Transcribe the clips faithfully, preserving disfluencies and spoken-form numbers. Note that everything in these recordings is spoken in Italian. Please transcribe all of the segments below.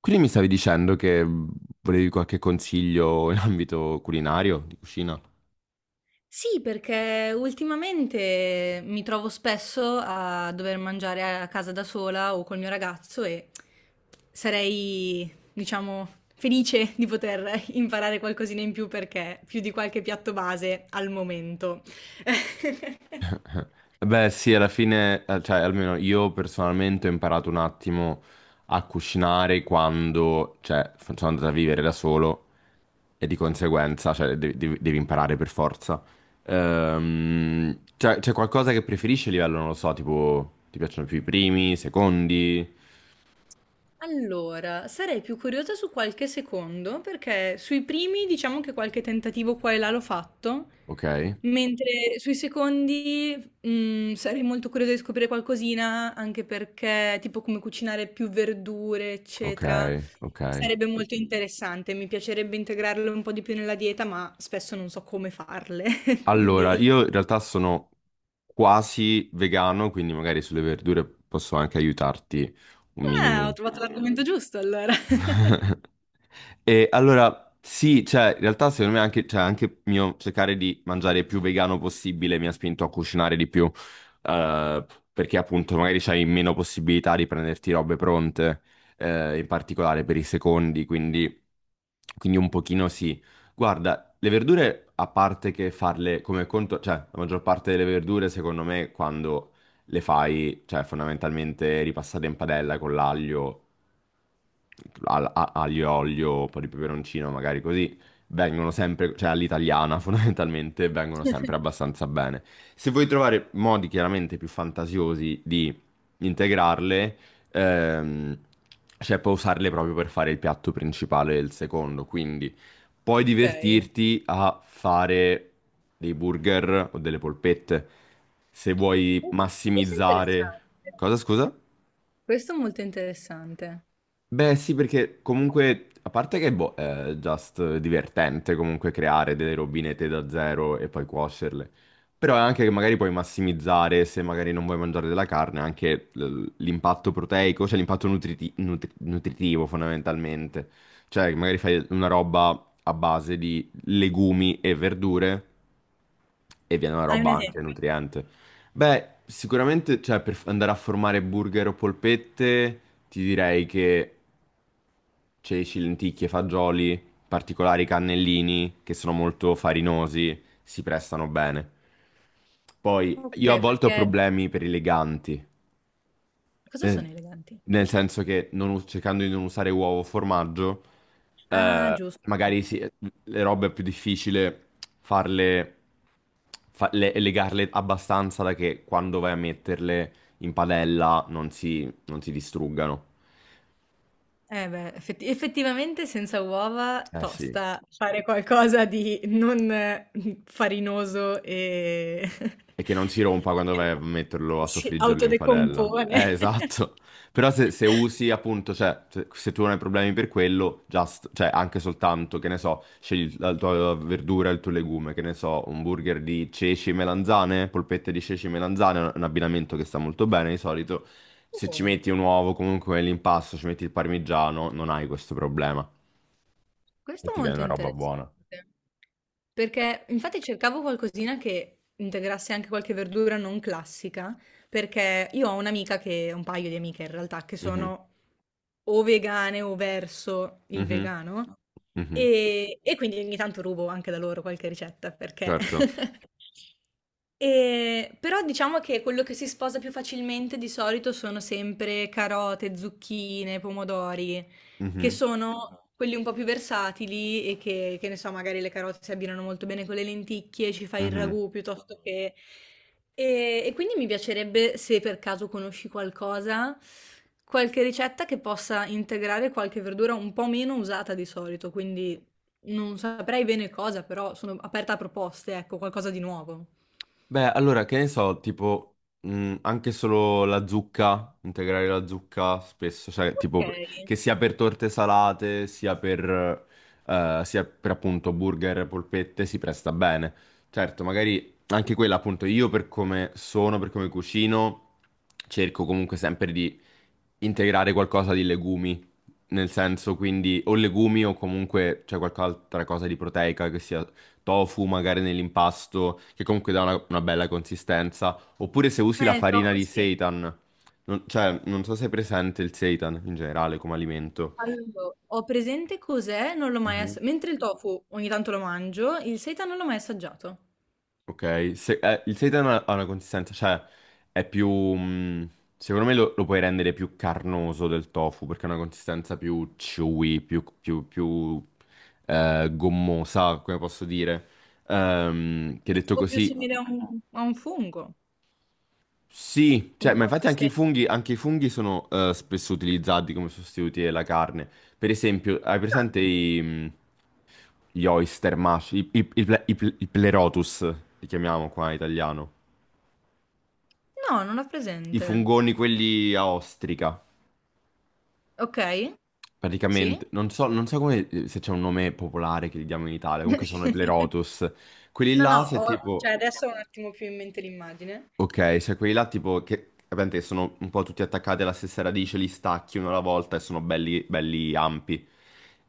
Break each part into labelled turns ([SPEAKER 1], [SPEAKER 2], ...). [SPEAKER 1] Quindi mi stavi dicendo che volevi qualche consiglio in ambito culinario, di cucina?
[SPEAKER 2] Sì, perché ultimamente mi trovo spesso a dover mangiare a casa da sola o col mio ragazzo e sarei, diciamo, felice di poter imparare qualcosina in più perché più di qualche piatto base al momento.
[SPEAKER 1] Beh, sì, alla fine, eh, cioè almeno io personalmente ho imparato un attimo a cucinare quando, cioè, f- sono andato a vivere da solo e di conseguenza, cioè, devi, devi- devi imparare per forza. Ehm, cioè, c'è qualcosa che preferisci a livello, non lo so, tipo, ti piacciono più i primi, i secondi?
[SPEAKER 2] Allora, sarei più curiosa su qualche secondo, perché sui primi diciamo che qualche tentativo qua e là l'ho fatto,
[SPEAKER 1] Ok,
[SPEAKER 2] mentre sui secondi mm, sarei molto curiosa di scoprire qualcosina, anche perché tipo come cucinare più verdure,
[SPEAKER 1] ok,
[SPEAKER 2] eccetera,
[SPEAKER 1] ok.
[SPEAKER 2] sarebbe molto interessante. Mi piacerebbe integrarlo un po' di più nella dieta, ma spesso non so come farle,
[SPEAKER 1] Allora, io
[SPEAKER 2] quindi...
[SPEAKER 1] in realtà sono quasi vegano, quindi magari sulle verdure posso anche aiutarti un
[SPEAKER 2] Ah, ho
[SPEAKER 1] minimo.
[SPEAKER 2] trovato l'argomento giusto allora.
[SPEAKER 1] E allora, sì, cioè, in realtà secondo me anche, cioè, anche mio cercare di mangiare il più vegano possibile mi ha spinto a cucinare di più, eh, perché appunto magari c'hai meno possibilità di prenderti robe pronte, eh, in particolare per i secondi, quindi, quindi un pochino sì. Guarda, le verdure, a parte che farle come conto, cioè, la maggior parte delle verdure, secondo me, quando le fai, cioè fondamentalmente ripassate in padella con l'aglio, al- a- aglio, olio, un po' di peperoncino, magari così, vengono sempre, cioè all'italiana fondamentalmente, vengono sempre abbastanza bene. Se vuoi trovare modi chiaramente più fantasiosi di integrarle, ehm, cioè puoi usarle proprio per fare il piatto principale e il secondo, quindi puoi
[SPEAKER 2] Ok.
[SPEAKER 1] divertirti a fare dei burger o delle polpette. Se vuoi
[SPEAKER 2] Oh, questo è
[SPEAKER 1] massimizzare...
[SPEAKER 2] interessante.
[SPEAKER 1] Cosa, scusa?
[SPEAKER 2] Questo è molto interessante.
[SPEAKER 1] Beh, sì, perché comunque, a parte che boh, è just divertente comunque creare delle robinette da zero e poi cuocerle. Però è anche che magari puoi massimizzare, se magari non vuoi mangiare della carne, anche l- l'impatto proteico, cioè l'impatto nutriti- nutri- nutritivo fondamentalmente. Cioè, magari fai una roba a base di legumi e verdure e viene una
[SPEAKER 2] Hai un
[SPEAKER 1] roba anche
[SPEAKER 2] esempio?
[SPEAKER 1] nutriente. Beh, sicuramente, cioè, per andare a formare burger o polpette, ti direi che ceci, lenticchie, fagioli, particolari cannellini che sono molto farinosi, si prestano bene. Poi io a
[SPEAKER 2] Okay,
[SPEAKER 1] volte ho
[SPEAKER 2] perché
[SPEAKER 1] problemi per i leganti,
[SPEAKER 2] cosa sono
[SPEAKER 1] eh,
[SPEAKER 2] eleganti?
[SPEAKER 1] nel senso che non us- cercando di non usare uovo o formaggio,
[SPEAKER 2] Ah,
[SPEAKER 1] eh,
[SPEAKER 2] giusto.
[SPEAKER 1] magari sì, le robe è più difficile farle, fa- le- legarle abbastanza da che quando vai a metterle in padella non si, non si distruggano.
[SPEAKER 2] Eh beh, effetti effettivamente senza uova
[SPEAKER 1] Eh sì.
[SPEAKER 2] tosta fare qualcosa di non, mhmm, farinoso e
[SPEAKER 1] E che non si rompa quando vai a metterlo, a
[SPEAKER 2] che si
[SPEAKER 1] soffriggerlo in padella. Eh,
[SPEAKER 2] autodecompone.
[SPEAKER 1] esatto. Però se, se usi appunto, cioè, se, se tu non hai problemi per quello, just, cioè, anche soltanto, che ne so, scegli la tua verdura, il tuo legume, che ne so, un burger di ceci e melanzane, polpette di ceci e melanzane, un un abbinamento che sta molto bene di solito. Se ci
[SPEAKER 2] Oh.
[SPEAKER 1] metti un uovo, comunque l'impasto, ci metti il parmigiano, non hai questo problema. E
[SPEAKER 2] Questo è
[SPEAKER 1] ti viene
[SPEAKER 2] molto
[SPEAKER 1] una roba
[SPEAKER 2] interessante,
[SPEAKER 1] buona.
[SPEAKER 2] perché infatti cercavo qualcosina che integrasse anche qualche verdura non classica, perché io ho un'amica che, un paio di amiche in realtà, che
[SPEAKER 1] Mhm,
[SPEAKER 2] sono o vegane o verso il
[SPEAKER 1] mhm,
[SPEAKER 2] vegano,
[SPEAKER 1] mhm.
[SPEAKER 2] e, e quindi ogni tanto rubo anche da loro qualche ricetta, perché
[SPEAKER 1] Certo.
[SPEAKER 2] Ehm, però diciamo che quello che si sposa più facilmente di solito sono sempre carote, zucchine, pomodori, che
[SPEAKER 1] Mhm,
[SPEAKER 2] sono Ah. quelli un po' più versatili e che che ne so, magari le carote si abbinano molto bene con le lenticchie, ci fai il
[SPEAKER 1] mhm.
[SPEAKER 2] ragù piuttosto Mh-mh. Che e e quindi mi piacerebbe, se per caso conosci qualcosa, qualche ricetta che possa integrare qualche verdura un po' meno usata di solito, quindi non saprei bene cosa, però sono aperta a proposte, ecco, qualcosa di nuovo.
[SPEAKER 1] Beh, allora, che ne so, tipo, mh, anche solo la zucca, integrare la zucca spesso, cioè, tipo,
[SPEAKER 2] Okay.
[SPEAKER 1] che sia per torte salate, sia per, eh, sia per appunto burger, polpette, si presta bene. Certo, magari anche quella, appunto, io per come sono, per come cucino, cerco comunque sempre di integrare qualcosa di legumi, nel senso, quindi, o legumi o comunque c'è qualche altra cosa di proteica che sia tofu magari nell'impasto, che comunque dà una, una bella consistenza. Oppure se usi la
[SPEAKER 2] Eh, il
[SPEAKER 1] farina
[SPEAKER 2] tofu
[SPEAKER 1] di
[SPEAKER 2] sì.
[SPEAKER 1] seitan. Non- cioè, non so se è presente il seitan in generale come alimento.
[SPEAKER 2] Allo ho presente cos'è, non l'ho mai
[SPEAKER 1] Mhm.
[SPEAKER 2] assa mentre il tofu ogni tanto lo mangio, il seitan non l'ho mai assaggiato.
[SPEAKER 1] Ok, se- eh, il seitan ha ha una consistenza, cioè è più... mh, secondo me lo, lo puoi rendere più carnoso del tofu perché ha una consistenza più chewy, più, più- più, eh, gommosa, come posso dire. Ehm, che
[SPEAKER 2] È
[SPEAKER 1] detto
[SPEAKER 2] tipo più
[SPEAKER 1] così
[SPEAKER 2] simile a un a un fungo
[SPEAKER 1] sì, cioè,
[SPEAKER 2] come
[SPEAKER 1] ma infatti anche i
[SPEAKER 2] consistenza.
[SPEAKER 1] funghi, anche i funghi sono eh, spesso utilizzati come sostituti della carne. Per esempio, hai presente i, mh, gli oyster mush, i, i- i ple- i ple- i pleurotus, li chiamiamo qua in italiano.
[SPEAKER 2] No, no, non ho
[SPEAKER 1] I
[SPEAKER 2] presente.
[SPEAKER 1] fungoni, quelli a ostrica,
[SPEAKER 2] Okay, sì.
[SPEAKER 1] praticamente. Non so, non so come, eh, se c'è un nome popolare che li diamo in Italia, comunque sono i pleurotus. Quelli
[SPEAKER 2] No, no,
[SPEAKER 1] là, se
[SPEAKER 2] ho
[SPEAKER 1] tipo...
[SPEAKER 2] cioè adesso ho un attimo più in mente l'immagine.
[SPEAKER 1] Ok, cioè quelli là tipo che ovviamente sono un po' tutti attaccati alla stessa radice, li stacchi uno alla volta e sono belli, belli ampi.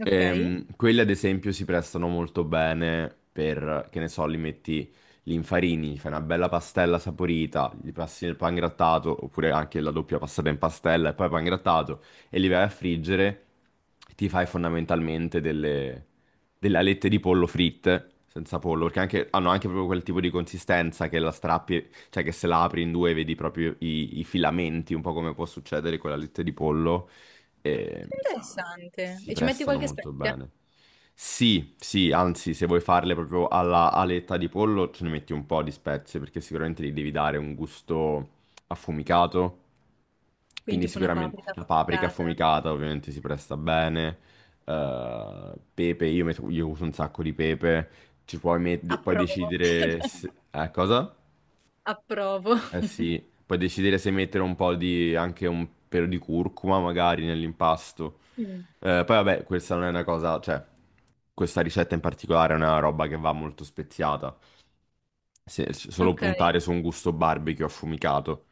[SPEAKER 2] Okay,
[SPEAKER 1] Ehm, quelli ad esempio si prestano molto bene per, che ne so, li metti, li infarini, gli fai una bella pastella saporita, gli passi nel pangrattato, oppure anche la doppia passata in pastella e poi pangrattato, e li vai a friggere, ti fai fondamentalmente delle, delle alette di pollo fritte, senza pollo, perché anche, hanno anche proprio quel tipo di consistenza che la strappi, cioè che se la apri in due vedi proprio i, i filamenti, un po' come può succedere con la lette di pollo, e
[SPEAKER 2] interessante.
[SPEAKER 1] si
[SPEAKER 2] E ci metti
[SPEAKER 1] prestano
[SPEAKER 2] qualche
[SPEAKER 1] molto
[SPEAKER 2] spezia?
[SPEAKER 1] bene. Sì, sì, anzi, se vuoi farle proprio alla aletta di pollo, ce ne metti un po' di spezie, perché sicuramente gli devi dare un gusto affumicato, quindi
[SPEAKER 2] Quindi tipo una
[SPEAKER 1] sicuramente
[SPEAKER 2] paprika
[SPEAKER 1] la paprika
[SPEAKER 2] affumicata.
[SPEAKER 1] affumicata ovviamente si presta bene, eh, pepe, io, metto- io uso un sacco di pepe, ci puoi met- puoi
[SPEAKER 2] Approvo.
[SPEAKER 1] decidere... se- Eh, cosa?
[SPEAKER 2] Approvo.
[SPEAKER 1] Eh sì, puoi decidere se mettere un po' di, anche un pelo di curcuma magari nell'impasto.
[SPEAKER 2] Mh,
[SPEAKER 1] Eh, poi vabbè, questa non è una cosa, cioè, questa ricetta in particolare è una roba che va molto speziata. Se- solo
[SPEAKER 2] okay.
[SPEAKER 1] puntare su un gusto barbecue affumicato.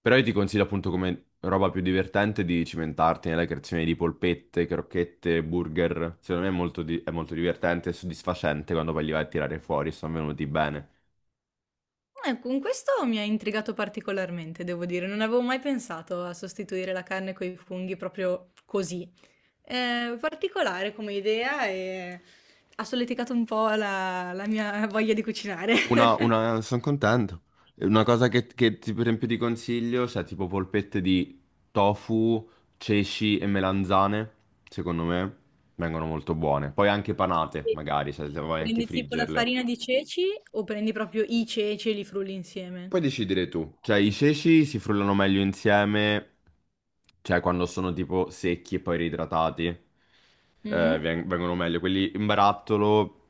[SPEAKER 1] Però io ti consiglio appunto come roba più divertente di cimentarti nella creazione di polpette, crocchette, burger. Secondo me è molto, di- è molto divertente e soddisfacente quando poi li vai a tirare fuori, sono venuti bene.
[SPEAKER 2] Eh, con questo mi ha intrigato particolarmente, devo dire. Non avevo mai pensato a sostituire la carne coi funghi proprio così. Ehm, particolare come idea e ha solleticato un po' la la mia voglia di cucinare.
[SPEAKER 1] Una, una, sono contento. Una cosa che, che ti, per esempio ti consiglio, cioè tipo polpette di tofu, ceci e melanzane, secondo me vengono molto buone. Poi anche panate,
[SPEAKER 2] Sì.
[SPEAKER 1] magari, cioè se vuoi anche
[SPEAKER 2] Prendi tipo la
[SPEAKER 1] friggerle.
[SPEAKER 2] farina di ceci o prendi proprio i ceci e li frulli insieme?
[SPEAKER 1] Puoi decidere tu. Cioè, i ceci si frullano meglio insieme, cioè quando sono tipo secchi e poi reidratati, eh,
[SPEAKER 2] Mh?
[SPEAKER 1] veng- vengono meglio. Quelli in barattolo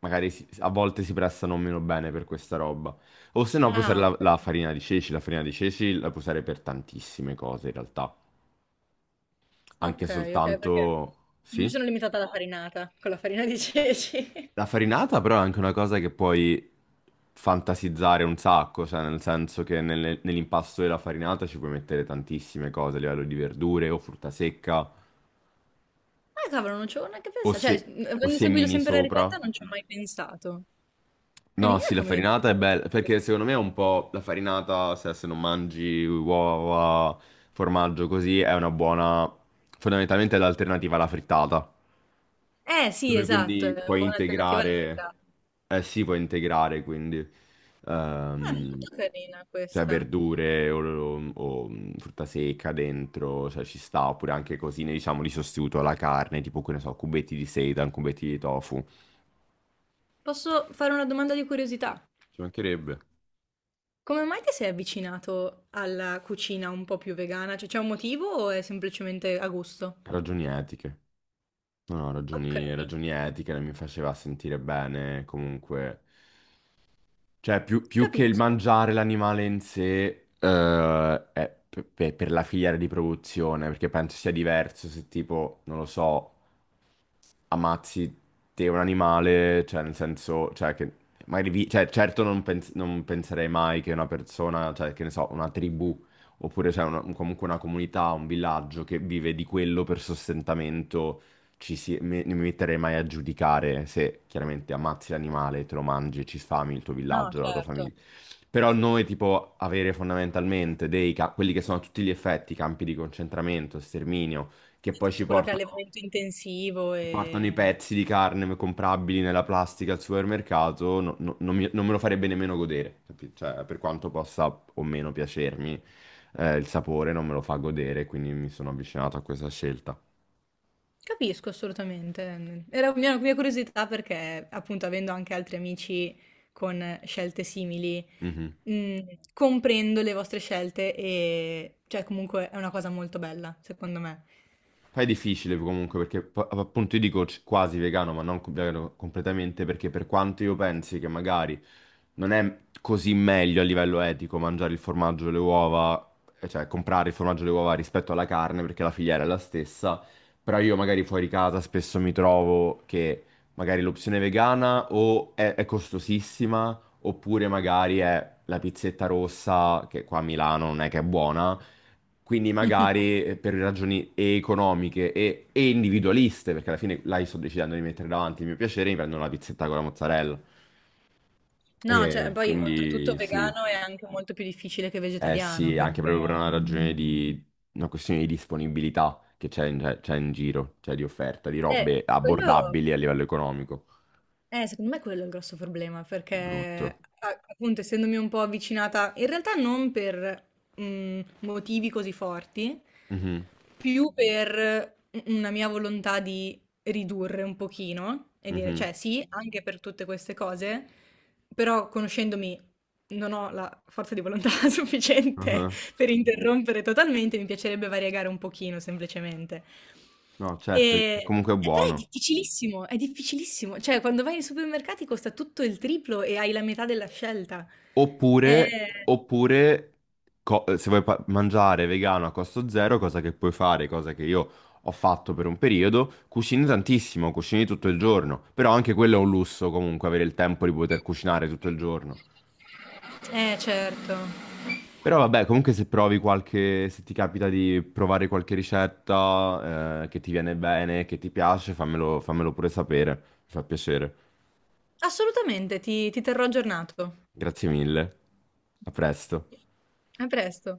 [SPEAKER 1] magari si- a volte si prestano meno bene per questa roba. O se no puoi usare
[SPEAKER 2] Ah,
[SPEAKER 1] la, la
[SPEAKER 2] okay.
[SPEAKER 1] farina di ceci. La farina di ceci la puoi usare per tantissime cose in realtà. Anche
[SPEAKER 2] Okay, okay, perché
[SPEAKER 1] soltanto...
[SPEAKER 2] io mi
[SPEAKER 1] Sì?
[SPEAKER 2] sono limitata alla farinata, con la farina di ceci.
[SPEAKER 1] La farinata però è anche una cosa che puoi fantasizzare un sacco, cioè nel senso che nelle- nell'impasto della farinata ci puoi mettere tantissime cose a livello di verdure o frutta secca
[SPEAKER 2] Ah cavolo, non ci avevo neanche
[SPEAKER 1] o,
[SPEAKER 2] pensa cioè,
[SPEAKER 1] se-
[SPEAKER 2] mhmm,
[SPEAKER 1] o
[SPEAKER 2] avendo seguito
[SPEAKER 1] semini
[SPEAKER 2] sempre la
[SPEAKER 1] sopra.
[SPEAKER 2] ricetta non ci ho mai pensato.
[SPEAKER 1] No,
[SPEAKER 2] Carina
[SPEAKER 1] sì, la
[SPEAKER 2] come idea.
[SPEAKER 1] farinata è bella, perché secondo me è un po' la farinata, se, se non mangi uova, formaggio così, è una buona, fondamentalmente è l'alternativa alla frittata.
[SPEAKER 2] Eh sì,
[SPEAKER 1] Dove
[SPEAKER 2] esatto,
[SPEAKER 1] quindi
[SPEAKER 2] è un
[SPEAKER 1] puoi
[SPEAKER 2] po' un'alternativa alla
[SPEAKER 1] integrare,
[SPEAKER 2] feta.
[SPEAKER 1] eh sì, puoi integrare quindi,
[SPEAKER 2] Ah,
[SPEAKER 1] ehm,
[SPEAKER 2] molto carina
[SPEAKER 1] cioè
[SPEAKER 2] questa.
[SPEAKER 1] verdure o, o, mm, frutta secca dentro, cioè ci sta, oppure anche cosine, diciamo, di sostituto alla carne, tipo, che ne so, cubetti di seitan, cubetti di tofu.
[SPEAKER 2] Posso fare una domanda di curiosità?
[SPEAKER 1] Ci mancherebbe.
[SPEAKER 2] Come mai ti sei avvicinato alla cucina un po' più vegana? Cioè, c'è un motivo o è semplicemente a gusto?
[SPEAKER 1] Ragioni etiche. No, no, ragioni,
[SPEAKER 2] Okay,
[SPEAKER 1] ragioni etiche, non mi faceva sentire bene comunque. Cioè, più, più che il
[SPEAKER 2] capisco.
[SPEAKER 1] mangiare l'animale in sé, eh, è pe- pe- per la filiera di produzione, perché penso sia diverso se tipo, non lo so, ammazzi te un animale, cioè nel senso, cioè che magari vi- cioè, certo non, pens- non penserei mai che una persona, cioè che ne so, una tribù oppure cioè, una- comunque una comunità, un villaggio che vive di quello per sostentamento, ci si- mi, non mi metterei mai a giudicare se chiaramente ammazzi l'animale, te lo mangi, ci sfami il tuo
[SPEAKER 2] No,
[SPEAKER 1] villaggio, la tua
[SPEAKER 2] certo.
[SPEAKER 1] famiglia. Però noi, tipo, avere fondamentalmente dei ca- quelli che sono a tutti gli effetti campi di concentramento, sterminio, che
[SPEAKER 2] Sì, sì,
[SPEAKER 1] poi
[SPEAKER 2] tutto
[SPEAKER 1] ci
[SPEAKER 2] quello che è
[SPEAKER 1] portano
[SPEAKER 2] allevamento intensivo
[SPEAKER 1] portano i
[SPEAKER 2] e
[SPEAKER 1] pezzi di carne comprabili nella plastica al supermercato, no- no- non, mi- non me lo farebbe nemmeno godere, capi- cioè, per quanto possa o meno piacermi, eh, il sapore non me lo fa godere, quindi mi sono avvicinato a questa scelta.
[SPEAKER 2] capisco assolutamente. mhmm, era mia mia curiosità perché, appunto, avendo anche altri amici con scelte simili,
[SPEAKER 1] Mhm.
[SPEAKER 2] mhmm, comprendo le vostre scelte e cioè comunque è una cosa molto bella, secondo me.
[SPEAKER 1] Poi è difficile comunque perché po- appunto io dico c- quasi vegano, ma non co- vegano completamente, perché per quanto io pensi che magari non è così meglio a livello etico mangiare il formaggio e le uova, eh, cioè comprare il formaggio e le uova rispetto alla carne perché la filiera è la stessa, però io magari fuori casa spesso mi trovo che magari l'opzione vegana o è, è costosissima oppure magari è la pizzetta rossa che qua a Milano non è che è buona. Quindi magari eh, per ragioni e economiche e, e individualiste, perché alla fine là io sto decidendo di mettere davanti il mio piacere, mi prendo una pizzetta con la mozzarella.
[SPEAKER 2] No, cioè
[SPEAKER 1] E
[SPEAKER 2] poi oltretutto
[SPEAKER 1] quindi sì,
[SPEAKER 2] vegano è anche molto più difficile che
[SPEAKER 1] eh
[SPEAKER 2] vegetariano
[SPEAKER 1] sì, anche proprio
[SPEAKER 2] perché
[SPEAKER 1] per una ragione di una questione di disponibilità che c'è in, c'è- c'è in giro, cioè di offerta, di
[SPEAKER 2] eh,
[SPEAKER 1] robe
[SPEAKER 2] quello
[SPEAKER 1] abbordabili a livello economico.
[SPEAKER 2] eh, secondo me quello è il grosso problema,
[SPEAKER 1] Di
[SPEAKER 2] perché
[SPEAKER 1] brutto.
[SPEAKER 2] a- appunto essendomi un po' avvicinata, in realtà non per mm, motivi così forti,
[SPEAKER 1] Mhm,
[SPEAKER 2] più per una mia volontà di ridurre un pochino e dire,
[SPEAKER 1] mhm,
[SPEAKER 2] cioè sì, anche per tutte queste cose, però conoscendomi non ho la forza di volontà sufficiente
[SPEAKER 1] aha.
[SPEAKER 2] per interrompere totalmente, mi piacerebbe variegare un pochino semplicemente.
[SPEAKER 1] No, certo,
[SPEAKER 2] Ehm,
[SPEAKER 1] comunque è
[SPEAKER 2] eh, però è
[SPEAKER 1] buono.
[SPEAKER 2] difficilissimo, è difficilissimo. Cioè, quando vai ai supermercati costa tutto il triplo e hai la metà della scelta.
[SPEAKER 1] Oppure,
[SPEAKER 2] Eh,
[SPEAKER 1] oppure co- eh, se vuoi pa- mangiare vegano a costo zero, cosa che puoi fare, cosa che io ho fatto per un periodo, cucini tantissimo, cucini tutto il giorno. Però anche quello è un lusso comunque, avere il tempo di poter cucinare tutto il giorno.
[SPEAKER 2] eh certo.
[SPEAKER 1] Però vabbè, comunque se provi qualche, se ti capita di provare qualche ricetta, eh, che ti viene bene, che ti piace, fammelo, fammelo pure sapere. Mi fa piacere.
[SPEAKER 2] Assolutamente, ti ti terrò aggiornato.
[SPEAKER 1] Grazie mille. A presto.
[SPEAKER 2] A presto.